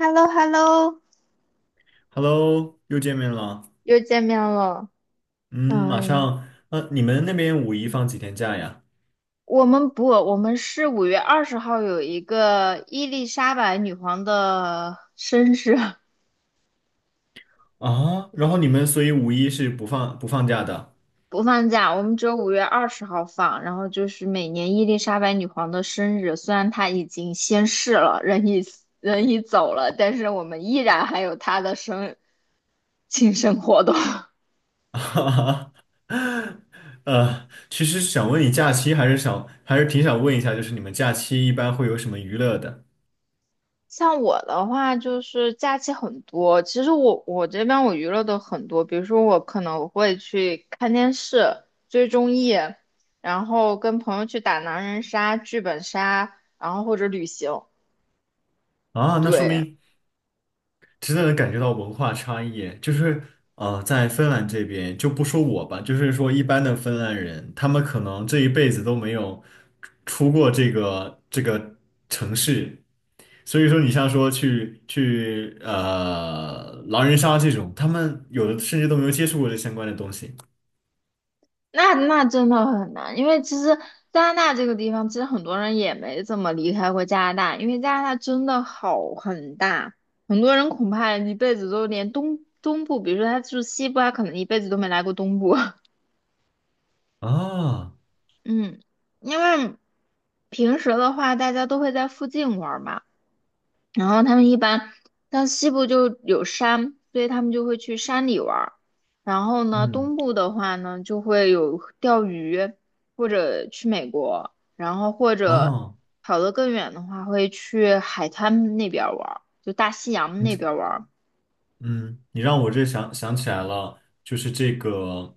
h e l l o h e l l o Hello，又见面了。又见面了。嗯，你们那边五一放几天假呀？我们不，我们是五月二十号有一个伊丽莎白女皇的生日 啊，然后你们所以五一是不放假的？不放假，我们只有五月二十号放。然后就是每年伊丽莎白女皇的生日，虽然她已经仙逝了，人已走了，但是我们依然还有她的生庆生活动。哈哈，其实想问你假期，还是想还是挺想问一下，就是你们假期一般会有什么娱乐的？像我的话，就是假期很多。其实我这边我娱乐的很多，比如说我可能会去看电视、追综艺，然后跟朋友去打狼人杀、剧本杀，然后或者旅行。啊，那说对，明真的能感觉到文化差异，在芬兰这边就不说我吧，就是说一般的芬兰人，他们可能这一辈子都没有出过这个城市，所以说你像说去狼人杀这种，他们有的甚至都没有接触过这相关的东西那真的很难，因为其实加拿大这个地方，其实很多人也没怎么离开过加拿大，因为加拿大真的好很大，很多人恐怕一辈子都连东部，比如说他住西部，他可能一辈子都没来过东部。啊，嗯，因为平时的话，大家都会在附近玩儿嘛，然后他们一般，但西部就有山，所以他们就会去山里玩儿。然后呢，嗯东部的话呢，就会有钓鱼，或者去美国，然后或者啊。跑得更远的话，会去海滩那边儿玩儿，就大西洋你那这。边儿玩儿。嗯，你让我这想想起来了，就是这个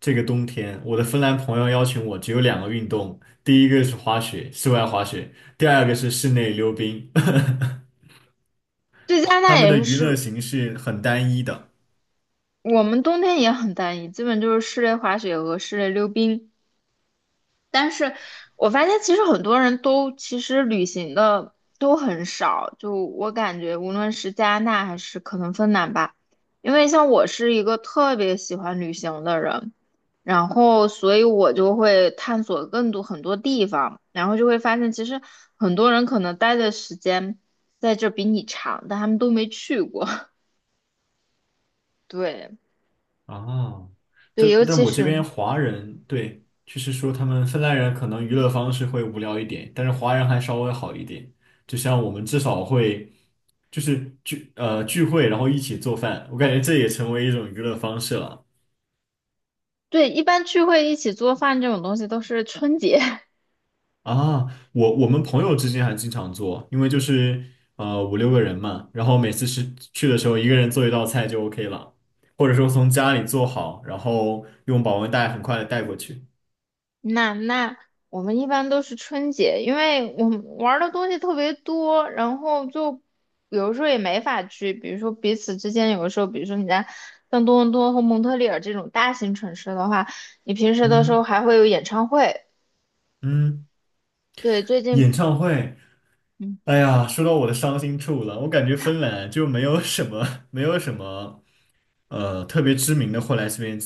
这个冬天，我的芬兰朋友邀请我，只有两个运动，第一个是滑雪，室外滑雪，第二个是室内溜冰，对，加拿 他大们的也娱乐是，形式很单一的。我们冬天也很单一，基本就是室内滑雪和室内溜冰。但是我发现其实很多人都其实旅行的都很少，就我感觉无论是加拿大还是可能芬兰吧，因为像我是一个特别喜欢旅行的人，然后所以我就会探索更多很多地方，然后就会发现其实很多人可能待的时间在这比你长，但他们都没去过。对哦，对，但尤但其我这边是华人，对，就是说他们芬兰人可能娱乐方式会无聊一点，但是华人还稍微好一点。就像我们至少会就是聚会，然后一起做饭，我感觉这也成为一种娱乐方式了。对一般聚会一起做饭这种东西都是春节。啊，我们朋友之间还经常做，因为就是五六个人嘛，然后每次是去的时候一个人做一道菜就 OK 了，或者说从家里做好，然后用保温袋很快的带过去。那我们一般都是春节，因为我们玩儿的东西特别多，然后就有时候也没法去，比如说彼此之间，有的时候，比如说你在像多伦多和蒙特利尔这种大型城市的话，你平时的时候嗯还会有演唱会。嗯，对，最近，演唱会，嗯，哎呀，说到我的伤心处了，我感觉芬兰就没有什么 没有什么特别知名的会来这边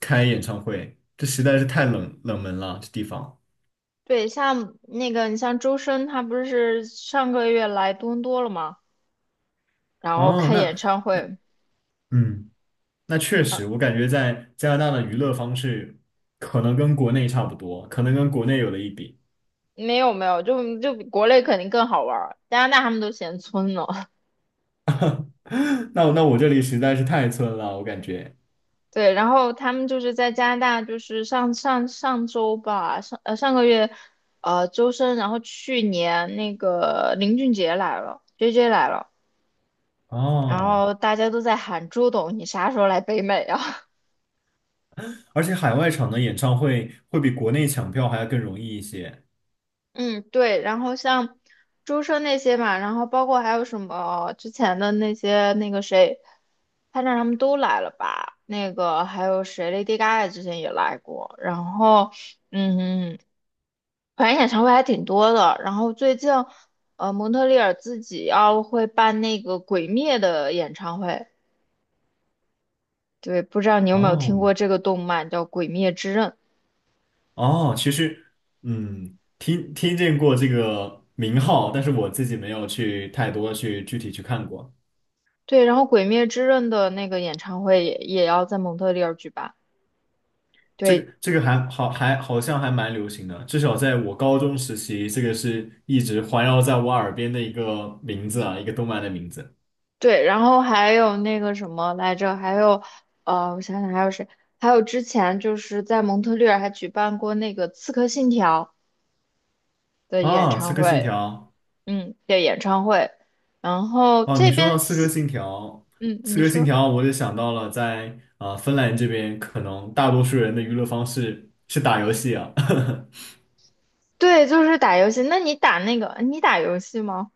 开演唱会，这实在是太冷门了，这地方。对，像那个你像周深，他不是上个月来多伦多了吗？然后哦，开演那。唱会，嗯。那确啊，实，我感觉在加拿大的娱乐方式可能跟国内差不多，可能跟国内有的一比。没有没有，就就比国内肯定更好玩儿，加拿大他们都嫌村呢。那我这里实在是太村了，我感觉。对，然后他们就是在加拿大，就是上上上周吧，上个月，周深，然后去年那个林俊杰来了，JJ 来了，然哦，后大家都在喊朱董，你啥时候来北美啊？而且海外场的演唱会会比国内抢票还要更容易一些。嗯，对，然后像周深那些嘛，然后包括还有什么之前的那些那个谁，潘展他们都来了吧？那个还有谁，Lady Gaga 之前也来过，然后嗯，反正演唱会还挺多的。然后最近蒙特利尔自己要会办那个《鬼灭》的演唱会，对，不知道你有没有听哦过这个动漫叫《鬼灭之刃》？哦，其实嗯，听听见过这个名号，但是我自己没有去太多去具体去看过。对，然后《鬼灭之刃》的那个演唱会也也要在蒙特利尔举办。这对，个这个还好好像还蛮流行的，至少在我高中时期，这个是一直环绕在我耳边的一个名字啊，一个动漫的名字对，然后还有那个什么来着，还有，我想想还有谁，还有之前就是在蒙特利尔还举办过那个《刺客信条》的演啊，《刺唱客信会，条》嗯，的演唱会。然后哦，这你说到边《刺客起，信条》，嗯，《刺你客信说，条》，我就想到了在芬兰这边，可能大多数人的娱乐方式是打游戏啊。对，就是打游戏。那你打那个，你打游戏吗？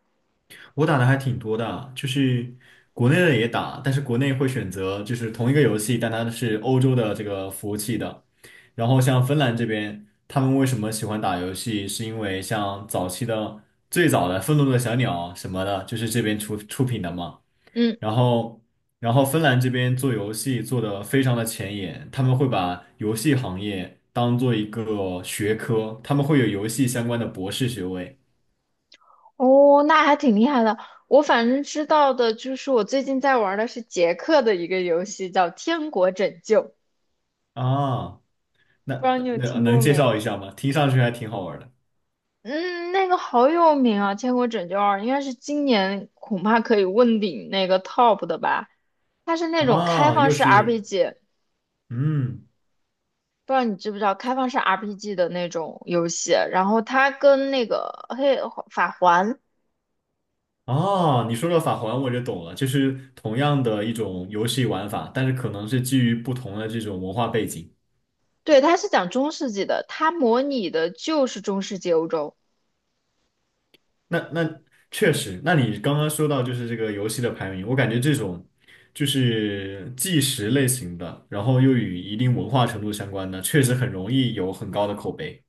我打的还挺多的啊，就是国内的也打，但是国内会选择就是同一个游戏，但它是欧洲的这个服务器的。然后像芬兰这边，他们为什么喜欢打游戏，是因为像早期的最早的《愤怒的小鸟》什么的，就是这边出品的嘛。嗯，然后，然后芬兰这边做游戏做的非常的前沿，他们会把游戏行业当做一个学科，他们会有游戏相关的博士学位哦，那还挺厉害的。我反正知道的就是我最近在玩的是杰克的一个游戏，叫《天国拯救》，啊。那不知道你有那听能过介没有？绍一下吗？听上去还挺好玩的嗯，那个好有名啊，《千古拯救二》应该是今年恐怕可以问鼎那个 top 的吧？它是那种开啊，放又式 是 RPG，嗯不知道你知不知道开放式 RPG 的那种游戏。然后它跟那个法环，哦，你说到法环我就懂了，就是同样的一种游戏玩法，但是可能是基于不同的这种文化背景。对，它是讲中世纪的，它模拟的就是中世纪欧洲。那那确实，那你刚刚说到就是这个游戏的排名，我感觉这种就是纪实类型的，然后又与一定文化程度相关的，确实很容易有很高的口碑。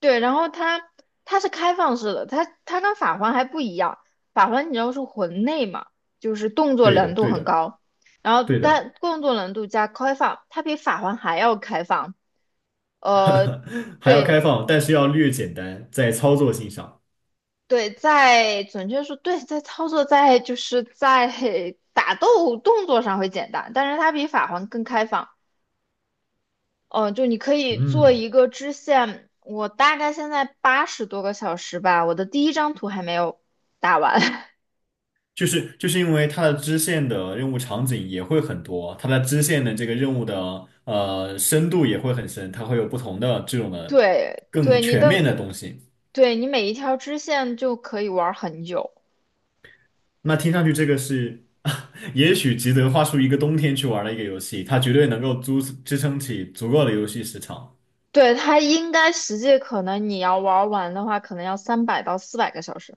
对，然后它是开放式的，它跟法环还不一样。法环你知道是魂类嘛，就是动作对的，难度对很的，高，然后对的，但动作难度加开放，它比法环还要开放。呃，还要开对放，但是要略简单，在操作性上。对，在准确说，对，在操作在就是在打斗动作上会简单，但是它比法环更开放。哦，就你可以做嗯，一个支线，我大概现在80多个小时吧，我的第一张图还没有打完。就是因为它的支线的任务场景也会很多，它的支线的这个任务的深度也会很深，它会有不同的这种的对，更对，你全面的，的东西。对你每一条支线就可以玩很久。那听上去这个是，也许吉德花出一个冬天去玩的一个游戏，它绝对能够支撑起足够的游戏时长。对，它应该实际可能你要玩完的话，可能要300到400个小时。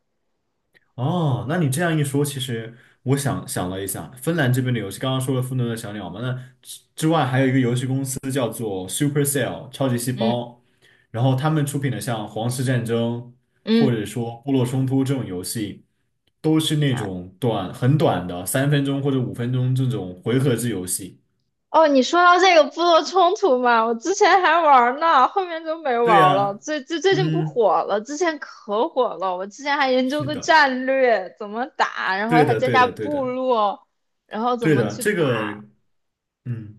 哦，那你这样一说，其实我想想了一下，芬兰这边的游戏，刚刚说了《愤怒的小鸟》嘛，那 Supercell 超级细嗯胞，然后他们出品的像《皇室战争》嗯，或嗯者说《部落冲突》这种游戏，都是那种短很短的3分钟或者5分钟这种回合制游戏。哦，你说到这个部落冲突嘛，我之前还玩儿呢，后面就没玩对儿了。呀，最近不嗯，火了，之前可火了。我之前还研究是个的，战略，怎么打，然后对还的，加对加的，对部的，落，然后怎对么的，去这打。个。嗯，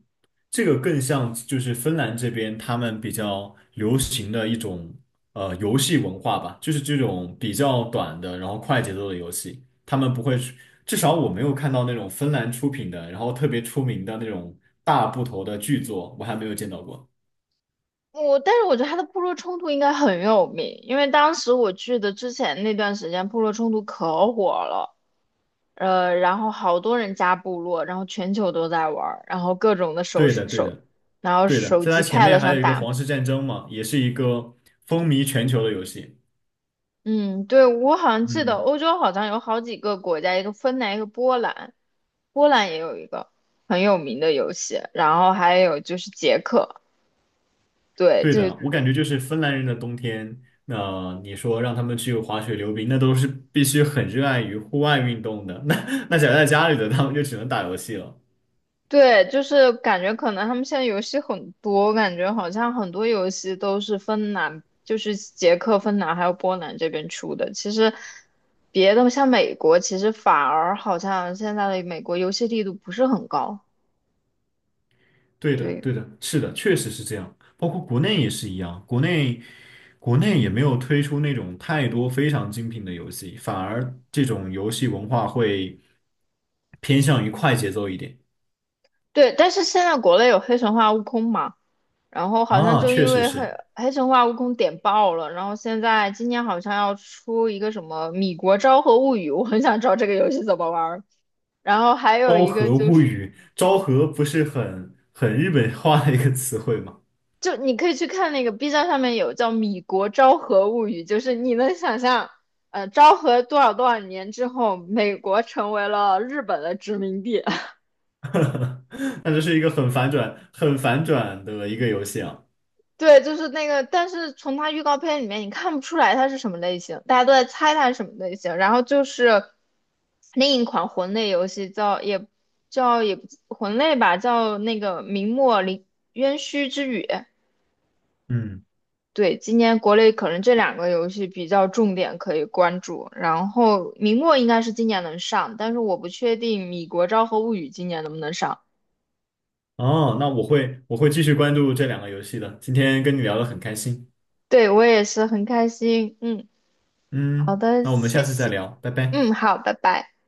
这个更像就是芬兰这边他们比较流行的一种游戏文化吧，就是这种比较短的，然后快节奏的游戏，他们不会去至少我没有看到那种芬兰出品的，然后特别出名的那种大部头的巨作，我还没有见到过。我但是我觉得他的部落冲突应该很有名，因为当时我记得之前那段时间部落冲突可火了，然后好多人加部落，然后全球都在玩儿然后各种的对的，对的，然后对的，手在它机 前 pad 面还上有一个打。《皇室战争》嘛，也是一个风靡全球的游戏。嗯，对，我好像记得嗯。欧洲好像有好几个国家，一个芬兰，一个波兰，波兰也有一个很有名的游戏，然后还有就是捷克，对，对就的，我感觉就是芬兰人的冬天，那、你说让他们去滑雪溜冰，那都是必须很热爱于户外运动的。那那宅在家里的，他们就只能打游戏了。对，就是感觉可能他们现在游戏很多，我感觉好像很多游戏都是芬兰，就是捷克、芬兰还有波兰这边出的。其实别的像美国，其实反而好像现在的美国游戏力度不是很高，对的，对对的，是的，确实是这样。包括国内也是一样，国内国内也没有推出那种太多非常精品的游戏，反而这种游戏文化会偏向于快节奏一点。对，但是现在国内有《黑神话：悟空》嘛。然后好像啊，就确因实为黑是黑神话悟空点爆了，然后现在今年好像要出一个什么《米国昭和物语》，我很想知道这个游戏怎么玩儿。然后还有《昭一个和就物是，语》，昭和不是很日本化的一个词汇吗？就你可以去看那个 B 站上面有叫《米国昭和物语》，就是你能想象，昭和多少多少年之后，美国成为了日本的殖民地，那这是一个很反转的一个游戏啊。对，就是那个，但是从它预告片里面你看不出来它是什么类型，大家都在猜它是什么类型。然后就是另一款魂类游戏叫也叫也不魂类吧，叫那个明末林渊虚之雨。嗯，对，今年国内可能这两个游戏比较重点可以关注。然后明末应该是今年能上，但是我不确定米国昭和物语今年能不能上。哦，那我会继续关注这两个游戏的。今天跟你聊得很开心，对，我也是很开心。嗯，好嗯，的，那我们下谢次再谢。聊，拜拜。嗯，好，拜拜。